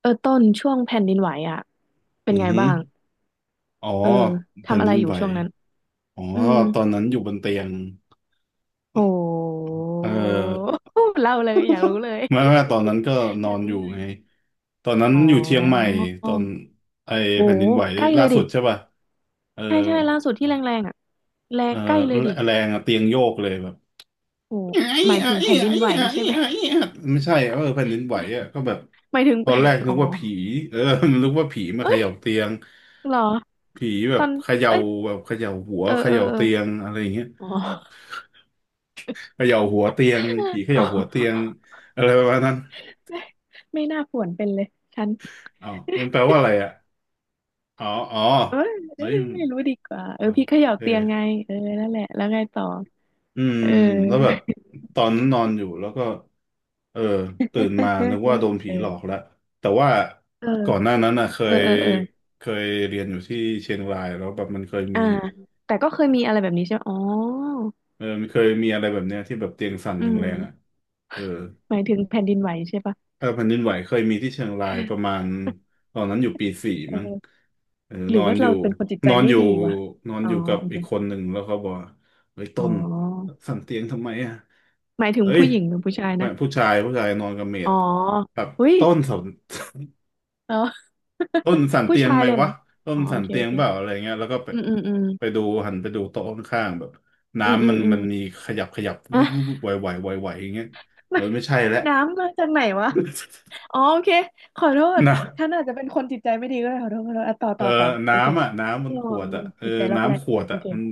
เออต้นช่วงแผ่นดินไหวอ่ะเป็นอือไงฮึบ้างอ๋อเออแผ่นทำอะดิไรนอยู่ไหวช่วงนั้นอ๋ออืมตอนนั้นอยู่บนเตียงโห เออ เล่าเลยอยากรู้เลย ไม่ไม่ตอนนั้นก็น ออยากนอรู้ยู่เลยไงตอนนั้นอ๋ออยู่เชียงใหม่ตอนไอโหแผ่นดินไหวใกล้เลล่ายสุดิดใช่ป่ะเออใช่ใช่ล่าสุดที่แรงๆอ่ะแรเองอใกล้เลยดิแรงอะเตียงโยกเลยแบบโหไอ้หมายไอ้ถึงแผ่นดินไอ้ไหวไอ้ใช่ไหม ไอ้ไม่ใช่เออแผ่นดินไหวอะก็แบบ หมายถึง ตอนแรก นึอ๋อกว่าผีเออ นึกว่าผีมาเอ้เขยย่าเตียงเหรอผีแบตอบนเขย่าเอ้ยแบบเขย่าหัวเออเขเออย่าเออเตียงอะไรอย่างเงี้ย อ๋อ เขย่าหัวเตียงผี เขอ๋อ ย่าหัวเตียงอะไรประมาณนั้น ไม่ไม่น่าป่วนเป็นเลยฉัน อ๋อมันแปลว่าอะไรอ่ะอ๋ออ๋อเอ้ยเอ้เฮ้ยยมันไม่รู้ดีกว่าเออ๋ออพี่เขย่าเออเตียงไงเออนั่นแหละแล้วไงต่ออืม เออแล้วแบบตอนนั้นนอนอยู่แล้วก็ เออ ตื่นมานึกว่าโดนผีหลอกเออแล้ว แต่ว่าก่อนหน้านั้นน่ะเคเออยเออเออเออเคยเรียนอยู่ที่เชียงรายแล้วแบบมันเคยมีอ่าแต่ก็เคยมีอะไรแบบนี้ใช่ไหมอ๋อเออมันเคยมีอะไรแบบเนี้ยที่แบบเตียงสั่นอืแรงๆอ่ะมเออ หมายถึงแผ่นดินไหวใช่ปะเออแผ่นดินไหวเคยมีที่เชียงรายประมาณตอนนั้นอยู่ปีสี่เอมั้งอเออหรือว่าเราเป็นคนจิตใจนอนไม่อยู่ดีวะนอนอ๋ออยู่กับโอเคอีกคนหนึ่งแล้วเขาบอกว่าเฮ้ยอ๋ต้นอสั่นเตียงทำไมอ่ะหมายถึงเฮ้ยผู้หญิงหรือผู้ชายแม่นะผู้ชายผู้ชายนอนกับเมอ๋ดอแบบอุ้ยต้นสั่นออ ต้นสั่ นผู้เตียงชายไหมเลยเหรวะอต้นอ๋อโอสั่นเคเตีโอยงเคเปล่าอะไรเงี้ยแล้วก็ไปอืมอืมอืมไปดูหันไปดูโต๊ะข้างๆแบบอืมอืน้ำมัมนอืมัม นมีขยับขยับวุบวุบ วุบไหวไหวไหวไหวอย่างเงี้ยเออไม่ ใช่แล้ว น้ำมาจากไหนวะอ๋อโอเค ขอโทษ นะ ฉันอาจจะเป็นคนจิตใจไม่ดีก็ได้ขอโทษขอโทษอ่ะต่อเออต่อต่อ โอเคน้ำอ่ะน้ำมัอ๋นอขวดอ่ะเออจิตใจล็อกแรกน้ำขวดโออ่ะเคมัน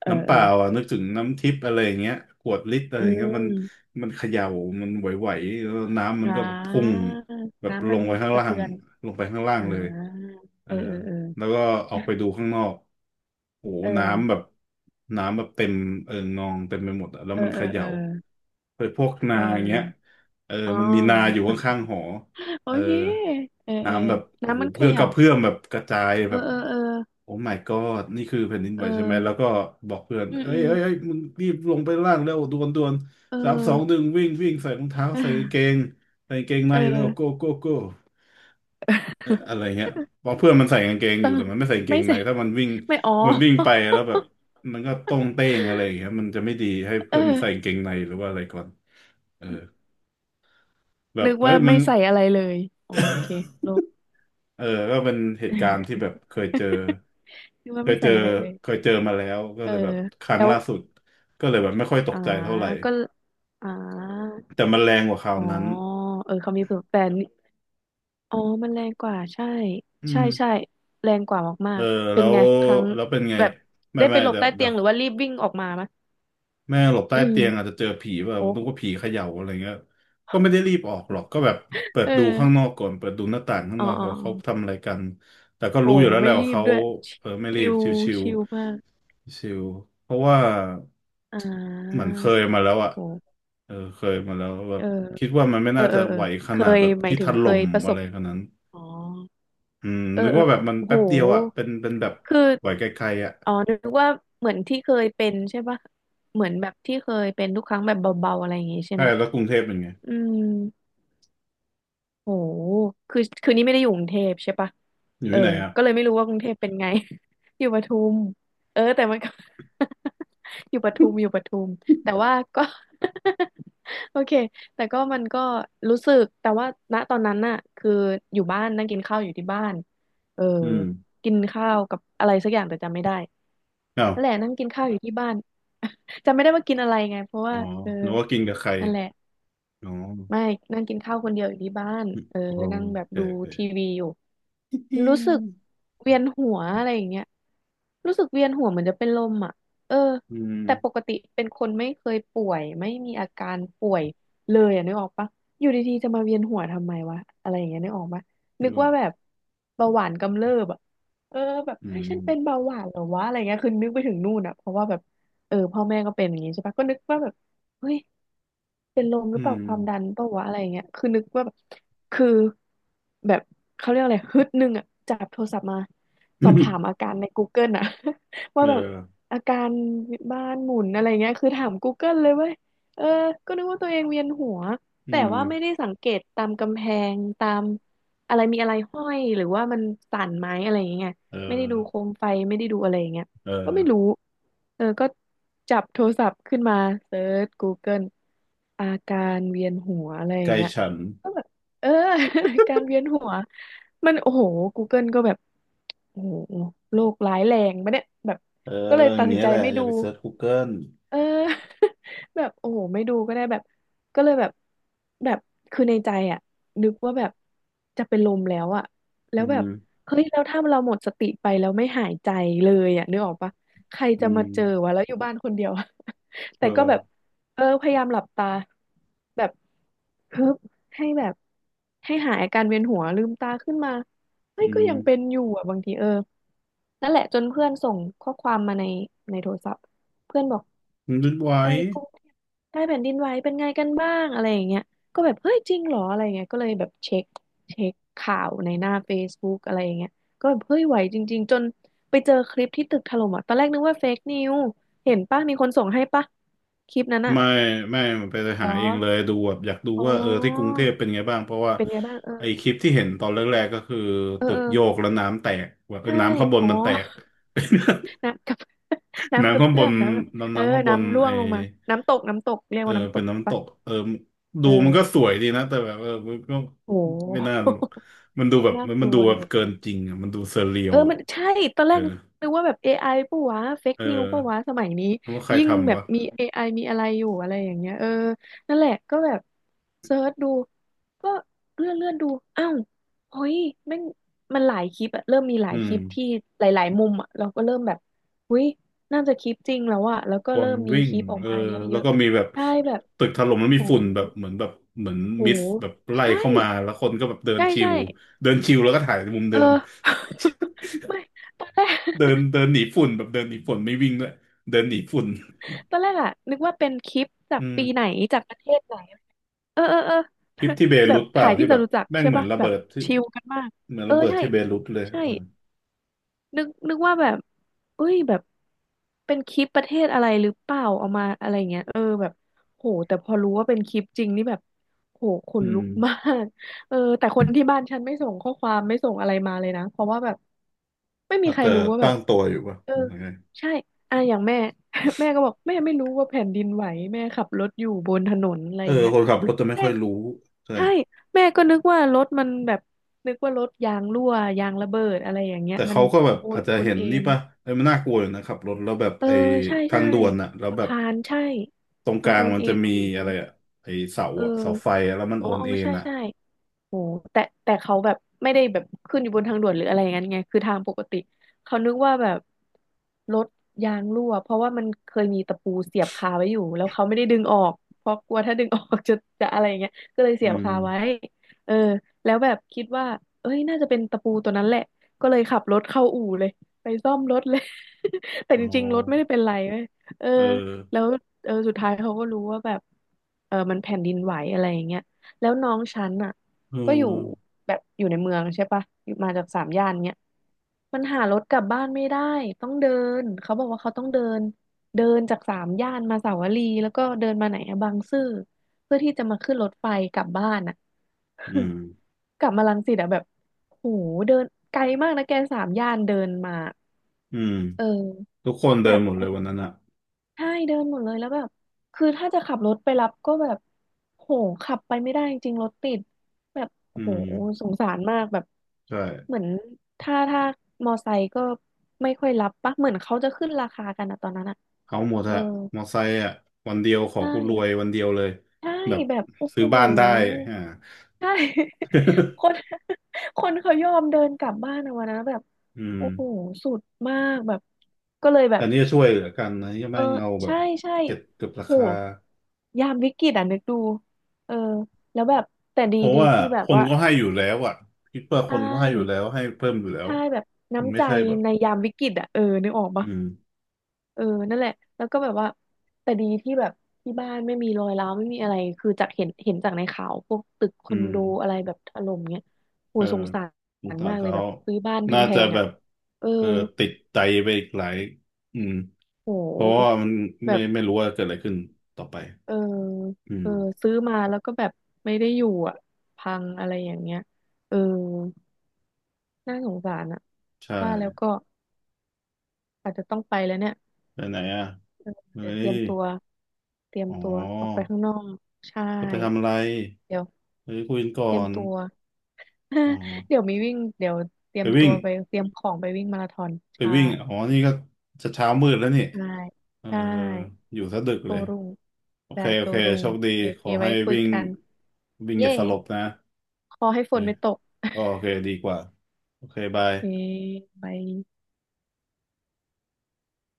เออน้ำเปเออล่าอ่ะนึกถึงน้ำทิพย์อะไรอย่างเงี้ยขวดลิตรอะไรอือย่างเงี้ยมันมมันเขย่ามันไหวๆแล้วน้ำมันอ่าก็แบบพุ่งแบบน้ำลมันงไปข้างสะล่าเทืงอนลงไปข้างล่าอ่งเลยาเอเอออเออเอแล้วก็ออกไปดูข้างนอกโอ้โหอน้ำแบบน้ำแบบเต็มเออนองเต็มไปหมดอ่ะแล้วเออมันเอเขอเอย่า อเออเฮพวกเอนาอย่างเงี้ยอเอออ๋อ มันมีนาอยู่ข้างๆหอ โอเออเคเออเออน้ำแบบโอ้โหน้ำมันเขเพื่อกย่าระเพื่อมแบบกระจายเอแบอบเออเออโอ้ my god นี่คือแผ่นดินเอไหอวใช่ไหม แล้วก็บอกเพื่อนอืมเอ้อืยมเอ้ยเอ้ยมึงรีบลงไปล่างเร็วด่วนด่วนเอสามสองหอ นึ่งวิ่งวิ่งใส่รองเท้าใส่กางเก งใส่กางเกงในเอเร็วโก้อโก้โก้ อะไรเงี้ยเพราะเพื่อนมันใส่กางเกงอต้อยู่งแต่มันไม่ใส่กางเกไม่งในใส่ ถ้ามันวิ่งไม่อ๋อ มันวิ่งไปแล้ว แบบมันก็ต้งเต้งอะไรอย่างเงี้ยมันจะไม่ดีให้เอเพื่ออ นมันใส่กางเกงในหรือว่าอะไรก่อนเออแบนึบกเฮ้ว่ายมึไม่ง ใส่อะไรเลยอ๋อโอเค โล เออก็เป็นเหตุการณ์ที่แบ บเคยเจอนึกเคว่ายไม่เจใส่ออะไรเลยเคยเจอมาแล้วก็เออเลยแบบครั้งแล้วล่าสุดก็เลยแบบไม่ค่อยตกอ่าใจเท่าไหร่ก็อ่าแต่มันแรงกว่าคราวอ๋อนั้นเออเขามีสูตัแต่นี่อ๋อมันแรงกว่าใช่อืใช่มใช่แรงกว่ามาเออกๆเป็แล้นวไงครั้งเป็นไงแบบไม่ได้ไปไม่หลบเดี๋ยวใต้เตีเดี๋ยยว งหรือว่ารีบวิ่งออกมามะแม่หลบใต้อืมเตียงอาจจะเจอผีแบบโอ้นึกว่าผีเขย่าอะไรเงี้ยก็ไม่ได้รีบออกหรอกก็แบบเปิดเอดูข้างนออกก่อนเปิดดูหน้าต่างข้างอ๋อนอกอ๋อเขาอ๋เขาอทำอะไรกันแต่ก็โอ้รู้อยู่แล้วแหไม่ละรีว่าบเขาด้วยชเออไม่รีิบลชิวชิลมากๆชิวเพราะว่าอ่เหมือานเคยมาแล้วอ่ะโอ้เออเคยมาแล้วแบเอบอคิดว่ามันไม่เออน่าเอจะอเออไหวขเคนาดยแบบหมายที่ถถึงเคล่ยมประสอะไรบ ขนาดนั้นอ๋ออืมเออนึกเออว่าแบบมันโอแป๊บเดียวอ่ะเป็หนเป็นแบบคือไหวไกลๆอ่ะอ๋อ นึกว่าเหมือนที่เคยเป็นใช่ปะเหมือนแบบที่เคยเป็นทุกครั้งแบบเบาๆอะไรอย่างงี้ใช่ใช่ไหมแล้วกรุงเทพเป็นไงอืม โหคือคือนี่ไม่ได้อยู่กรุงเทพใช่ปะ อยู่เออที่ไหนอ่ะก็เลยไม่รู้ว่ากรุงเทพเป็นไง อยู่ปทุมเออแต่มันก็ อยู่ปทุมอยู่ปทุมแต่ว่าก็ โอเคแต่ก็มันก็รู้สึกแต่ว่าณตอนนั้นน่ะ คืออยู่บ้านนั่งกินข้าวอยู่ที่บ้านเออ อืมกินข้าวกับอะไรสักอย่างแต่จำไม่ได้อ้าว นั่นแหละ นั่งกินข้าวอยู่ที่บ้าน จำไม่ได้ว่ากินอะไรไงเพราะอ๋ว่าอเออนึกว่ากินกับใครนั่นแหละ อ๋อไม่นั่งกินข้าวคนเดียวอยู่ที่บ้านเออโอนั่งแบบเคดูโอทีเควีอยู่ รู้สึกเวียนหัวอะไรอย่างเงี้ยรู้สึกเวียนหัวเหมือนจะเป็นลมอ่ะเอออืมแต่ปกติเป็นคนไม่เคยป่วยไม่มีอาการป่วยเลยอ่ะนึกออกปะอยู่ดีๆจะมาเวียนหัวทำไมวะอะไรอย่างเงี้ยนึกออกปะนึนึกกออว่ากแบบเบาหวานกำเริบอ่ะเออแบบอืเฮ้ยมฉันเป็นเบาหวานเหรอวะอะไรเงี้ยคือนึกไปถึงนู่นอ่ะเพราะว่าแบบเออพ่อแม่ก็เป็นอย่างงี้ใช่ปะก็นึกว่าแบบเฮ้ยเป็นลมหอืรือเปม ล่าความดันเปล่าวะอะไรเงี้ยคือนึกว่าแบบ คือแบบเขาเรียกอะไรฮึดหนึ่งอ่ะจับโทรศัพท์มาสอบถามอา การใน Google อ่ะ ว่าเออแบบอาการบ้านหมุนอะไรเงี้ยคือถาม Google เลยเว้ยเออก็นึกว่าตัวเองเวียนหัวอืแต่มว่าไม่ได้สังเกตตามกำแพงตามอะไรมีอะไรห้อยหรือว่ามันสั่นไหมอะไรอย่างเงี้ยเออไม่ได้ดูโคมไฟไม่ได้ดูอะไรอย่างเงี้ยเออก็ไม่รู้เออก็จับโทรศัพท์ขึ้นมาเซิร์ช Google อาการเวียนหัวอะไรอย่าไก่งเงี้ย ฉันเออ การเวียนหัวมันโอ้โห Google ก็แบบโอ้โหโรคร้ายแรงปะเนี่ยแบบเออก็เลยอตัย่างดสิเงี้นยใจแหละไม่อดูย่าไปเซิร์ช Google เออ แบบโอ้โหไม่ดูก็ได้แบบก็เลยแบบแบบคือในใจอ่ะนึกว่าแบบจะเป็นลมแล้วอ่ะแล้อืวแบบมเฮ้ยแล้วถ้าเราหมดสติไปแล้วไม่หายใจเลยอ่ะนึกออกปะใครจะอืมาเจอมวะแล้วอยู่บ้านคนเดียวอะ เอแต่อก็แบบเออพยายามหลับตาแบบ เคิบให้แบบให้หายอาการเวียนหัวลืมตาขึ้นมาเฮ้อืยก็มยังเป็นอยู่อ่ะบางทีเออนั่นแหละจนเพื่อนส่งข้อความมาในในโทรศัพท์เพื่อนบอกนึกไว้ ไอ้กรุงเทพใต้แผ่นดินไหวเป็นไงกันบ้างอะไรอย่างเงี้ยก็แบบเฮ้ยจริงเหรออะไรอย่างเงี้ยก็เลยแบบเช็คเช็คข่าวในหน้า Facebook อะไรอย่างเงี้ยก็แบบเฮ้ยไหวจริงๆจนไปเจอคลิปที่ตึกถล่มอ่ะตอนแรกนึกว่าเฟกนิวเห็นปะมีคนส่งให้ปะคลิปนั้นอ่ะไม่ไม่มันไปเหรหาอเองเลยดูแบบอยากดูอ๋ว่าเออที่กรุงอเทพเป็นไงบ้าง เพราะว่าเป็นไงบ้างเไอ้คลิปที่เห็นตอนแรกๆก็คือตึกโยกออ แล้วน้ำแตกว่าเออใช่น้ำข้างบนอ๋อ มันแตก น้ำกับ น้ำกน้ำระข้างบเพื่อนมน้ำแบบน้ำเออน้ำข้างบนน้ำร่วงลงมา น้ำตกน้ำตกเรียกเออว่าน้ำตเป็นกน้ำตปะกเออดูเอมันก็สอวยดีนะแต่แบบเออมันก็โห ไม่น่าหรอกมันดูแบ บน่ากมันลัดูวแบอบยู่ เกินจริงอ่ะมันดูเซอร์เรียเอลอ อ่ะมันใช่ ตอนเอแรอกนึกว่าแบบ AI ปะวะเฟกเออนิวปะวะสมัยนี้แล้วว่าใครยิ่งแบทำบวะมี AI มีอะไรอยู่อะไรอย่างเงี้ยเออ นั่นแหละก็แบบเซิร์ชดู ก็เลื่อนดู อ้าวเฮ้ยแม่งมันหลายคลิปอะเริ่มมีหลาอืยคมลิปที่หลาย ๆ มุมอะเราก็เริ่มแบบเฮ้ยน่าจะคลิปจริงแล้วอะแล้วก็คเริ่นมมีวิ่คงลิปออกเออมาเยแล้วอะก็มีแบบๆใช่แบบตึกถล่มแล้วมีโหฝุ่นแบบเหมือนแบบเหมือนโหมิสแบบไล่ใช่เข้ามาแล้วคนก็แบบเดินใช่ชิใช่วเดินชิวแล้วก็ถ่ายในมุมเอเดิอ ม ไม่ตอนแร ก เดินเดินหนีฝุ่นแบบเดินหนีฝุ่นไม่วิ่งด้วยเดินหนีฝุ่น ตอนแรกอะนึกว่าเป็นคลิปจาอืกปีไหนม จากประเทศไหนเออเออเออ คลิปที่เบ แบรุบตเปล่าถ่ายที่ที่จแบบตุจักรแม่งใช่เหมือนป่ะระแบเบิบดที่ชิลกันมากเหมือนเออระเบิดใช่ที่เบรุตเลยใช่เออนึกว่าแบบเอ้ยแบบเป็นคลิปประเทศอะไรหรือเปล่าเอามาอะไรเงี้ยเออแบบโหแต่พอรู้ว่าเป็นคลิปจริงนี่แบบโหขอืนลุมกมาก เออแต่คนที่บ้านฉันไม่ส่งข้อความไม่ส่งอะไรมาเลยนะเพราะว่าแบบไม่มีอาจใครจะรู้ว่าแบตั้บ งตัวอยู่ป่ะเออยังไงใช่อ่ะอย่างแม่ แม่ก็บอกแม่ไม่รู้ว่าแผ่นดินไหวแม่ขับรถอยู่บนถนนอะไรเอออย่างเงี้ยคนขับรถจะไม่แม่ค่อยรู้ใช่ใช่แม่ก็นึกว่ารถมันแบบนึกว่ารถยางรั่วยางระเบิดอะไรอย่างเงี้ยแต่มันเขาก็แบบโออานจจะโอนเห็นเอ็นี่นป่ะไอ้ยมันน่ากลัวอยู่นะขับรถแล้วแบบเออไอ้ใช่ทาใช่งด่วนอะแล้วสะแบบพานใช่ตรงกมันลาโองนมันเอ็จะนมีโอ้โหอะไรอะไอ้เสาเอออะเสาไฟอะแล้วมันอ๋โออนอ๋อเอ็นใช่อะใช่ โอ้แต่เขาแบบไม่ได้แบบขึ้นอยู่บนทางด่วนหรืออะไรอย่างนั้นไงคือทางปกติเขานึกว่าแบบรถยางรั่วเพราะว่ามันเคยมีตะปูเสียบคาไว้อยู่แล้วเขาไม่ได้ดึงออกเพราะกลัวถ้าดึงออกจะอะไรอย่างเงี้ยก็เลยอืเสียบมคาไว้เออแล้วแบบคิดว่าเอ้ยน่าจะเป็นตะปูตัวนั้นแหละก็เลยขับรถเข้าอู่เลยไปซ่อมรถเลย แต่อ๋อจริงๆรถไม่ได้เป็นไรเว้ยเออเออแล้วเออสุดท้ายเขาก็รู้ว่าแบบเออมันแผ่นดินไหวอะไรอย่างเงี้ยแล้วน้องฉันอ่ะ เก็อยู่ออแบบอยู่ในเมืองใช่ปะอยู่มาจากสามย่านเนี้ยมันหารถกลับบ้านไม่ได้ต้องเดินเขาบอกว่าเขาต้องเดินเดินจากสามย่านมาสาวรีแล้วก็เดินมาไหนอะบางซื่อเพื่อที่จะมาขึ้นรถไฟกลับบ้านอะ อืม กลับมารังสิตอะแบบโหเดินไกลมากนะแกสามย่านเดินมาอืมเออทุกคนเดิแบนบ หมดเลยวันนั้นอะใช่เดินหมดเลยแล้วแบบคือถ้าจะขับรถไปรับก็แบบโหขับไปไม่ได้จริงรถติดแบบอืโอ้โหมสงสารมากแบบใช่ เหมือนถ้ามอไซค์ก็ไม่ค่อยรับปะเหมือนเขาจะขึ้นราคากันอะตอนนั้นอะเอาหมดเอออะมอไซค์อะวันเดียวขอใชกูรวย่วันเดียวเลยใช่แบบแบบโอ้ซื้โหอบ้านได้อ่าใช่ คนคนเขายอมเดินกลับบ้านอะวันนั้นแบบอืมโอ้โหสุดมากแบบก็เลยแบอับ นนี้ช่วยเหลือกันนะยังเอไม่อเอาแบใช่บใช่เก็บราโหคายามวิกฤตอ่ะนึกดูเออแล้วแบบแต่ดีเพราะดีว่าที่แบคบนว่าก็ให้อยู่แล้วอะคิดว่าใชคนก็ให้อยู่แล้ว่ให้เพิ่มอยู่แล้วใช่แบบมันน้ำไม่ใจใช่แบบในยามวิกฤตอ่ะเออนึกออกอืปะมเออนั่นแหละแล้วก็แบบว่าแต่ดีที่แบบที่บ้านไม่มีรอยร้าวไม่มีอะไรคือจากเห็นจากในข่าวพวกตึกคออืนมโดอะไรแบบถล่มเงี้ยโหเออสงสาสงรสารมากเลยเขาแบบซื้อบ้านน่าแพจะงๆแบอ่ะบเออเออติดใจไปอีกหลายอืมโหเพราะว่ามันแบไม่บ ไม่รู้ว่าเกิดอะไรขึ้นต่อไปเอออืเอมอซื้อมาแล้วก็แบบไม่ได้อยู่อ่ะพังอะไรอย่างเงี้ยเออน่าสงสารอ่ะใช่ว่าแล้วก็อาจจะต้องไปแล้วเนี่ยไปไหนอ่ะ เออเฮ้เดี๋ยวเตรีย ยมตัวเตรียมอ๋ตัวออกไปอ ข้างนอกใช่จะไปทำอะไร เดี๋ยวเฮ้ยคุยกันเตก่รีอยมน ตัว อ๋อ เดี๋ยวมีวิ่งเดี๋ยวเตรีไปยมตัวิ่งวไปเตรียมของไปวิ่งมาราธอนไปใช่วิ่งอ๋อ นี่ก็จะเช้ามืดแล้วนี่ใช่เออใช่อยู่ซะดึกโตเลย รุ่งโอได้เค โอโตเครุ่งโชคดี โอขเคอไว้ให้คุยวิ่งกันวิ่งอเย้ย่าสลบนะขอให้โอฝเคนไม่ตก อ๋อโอเค ดีกว่า โอเค บาย เอ้ยบาย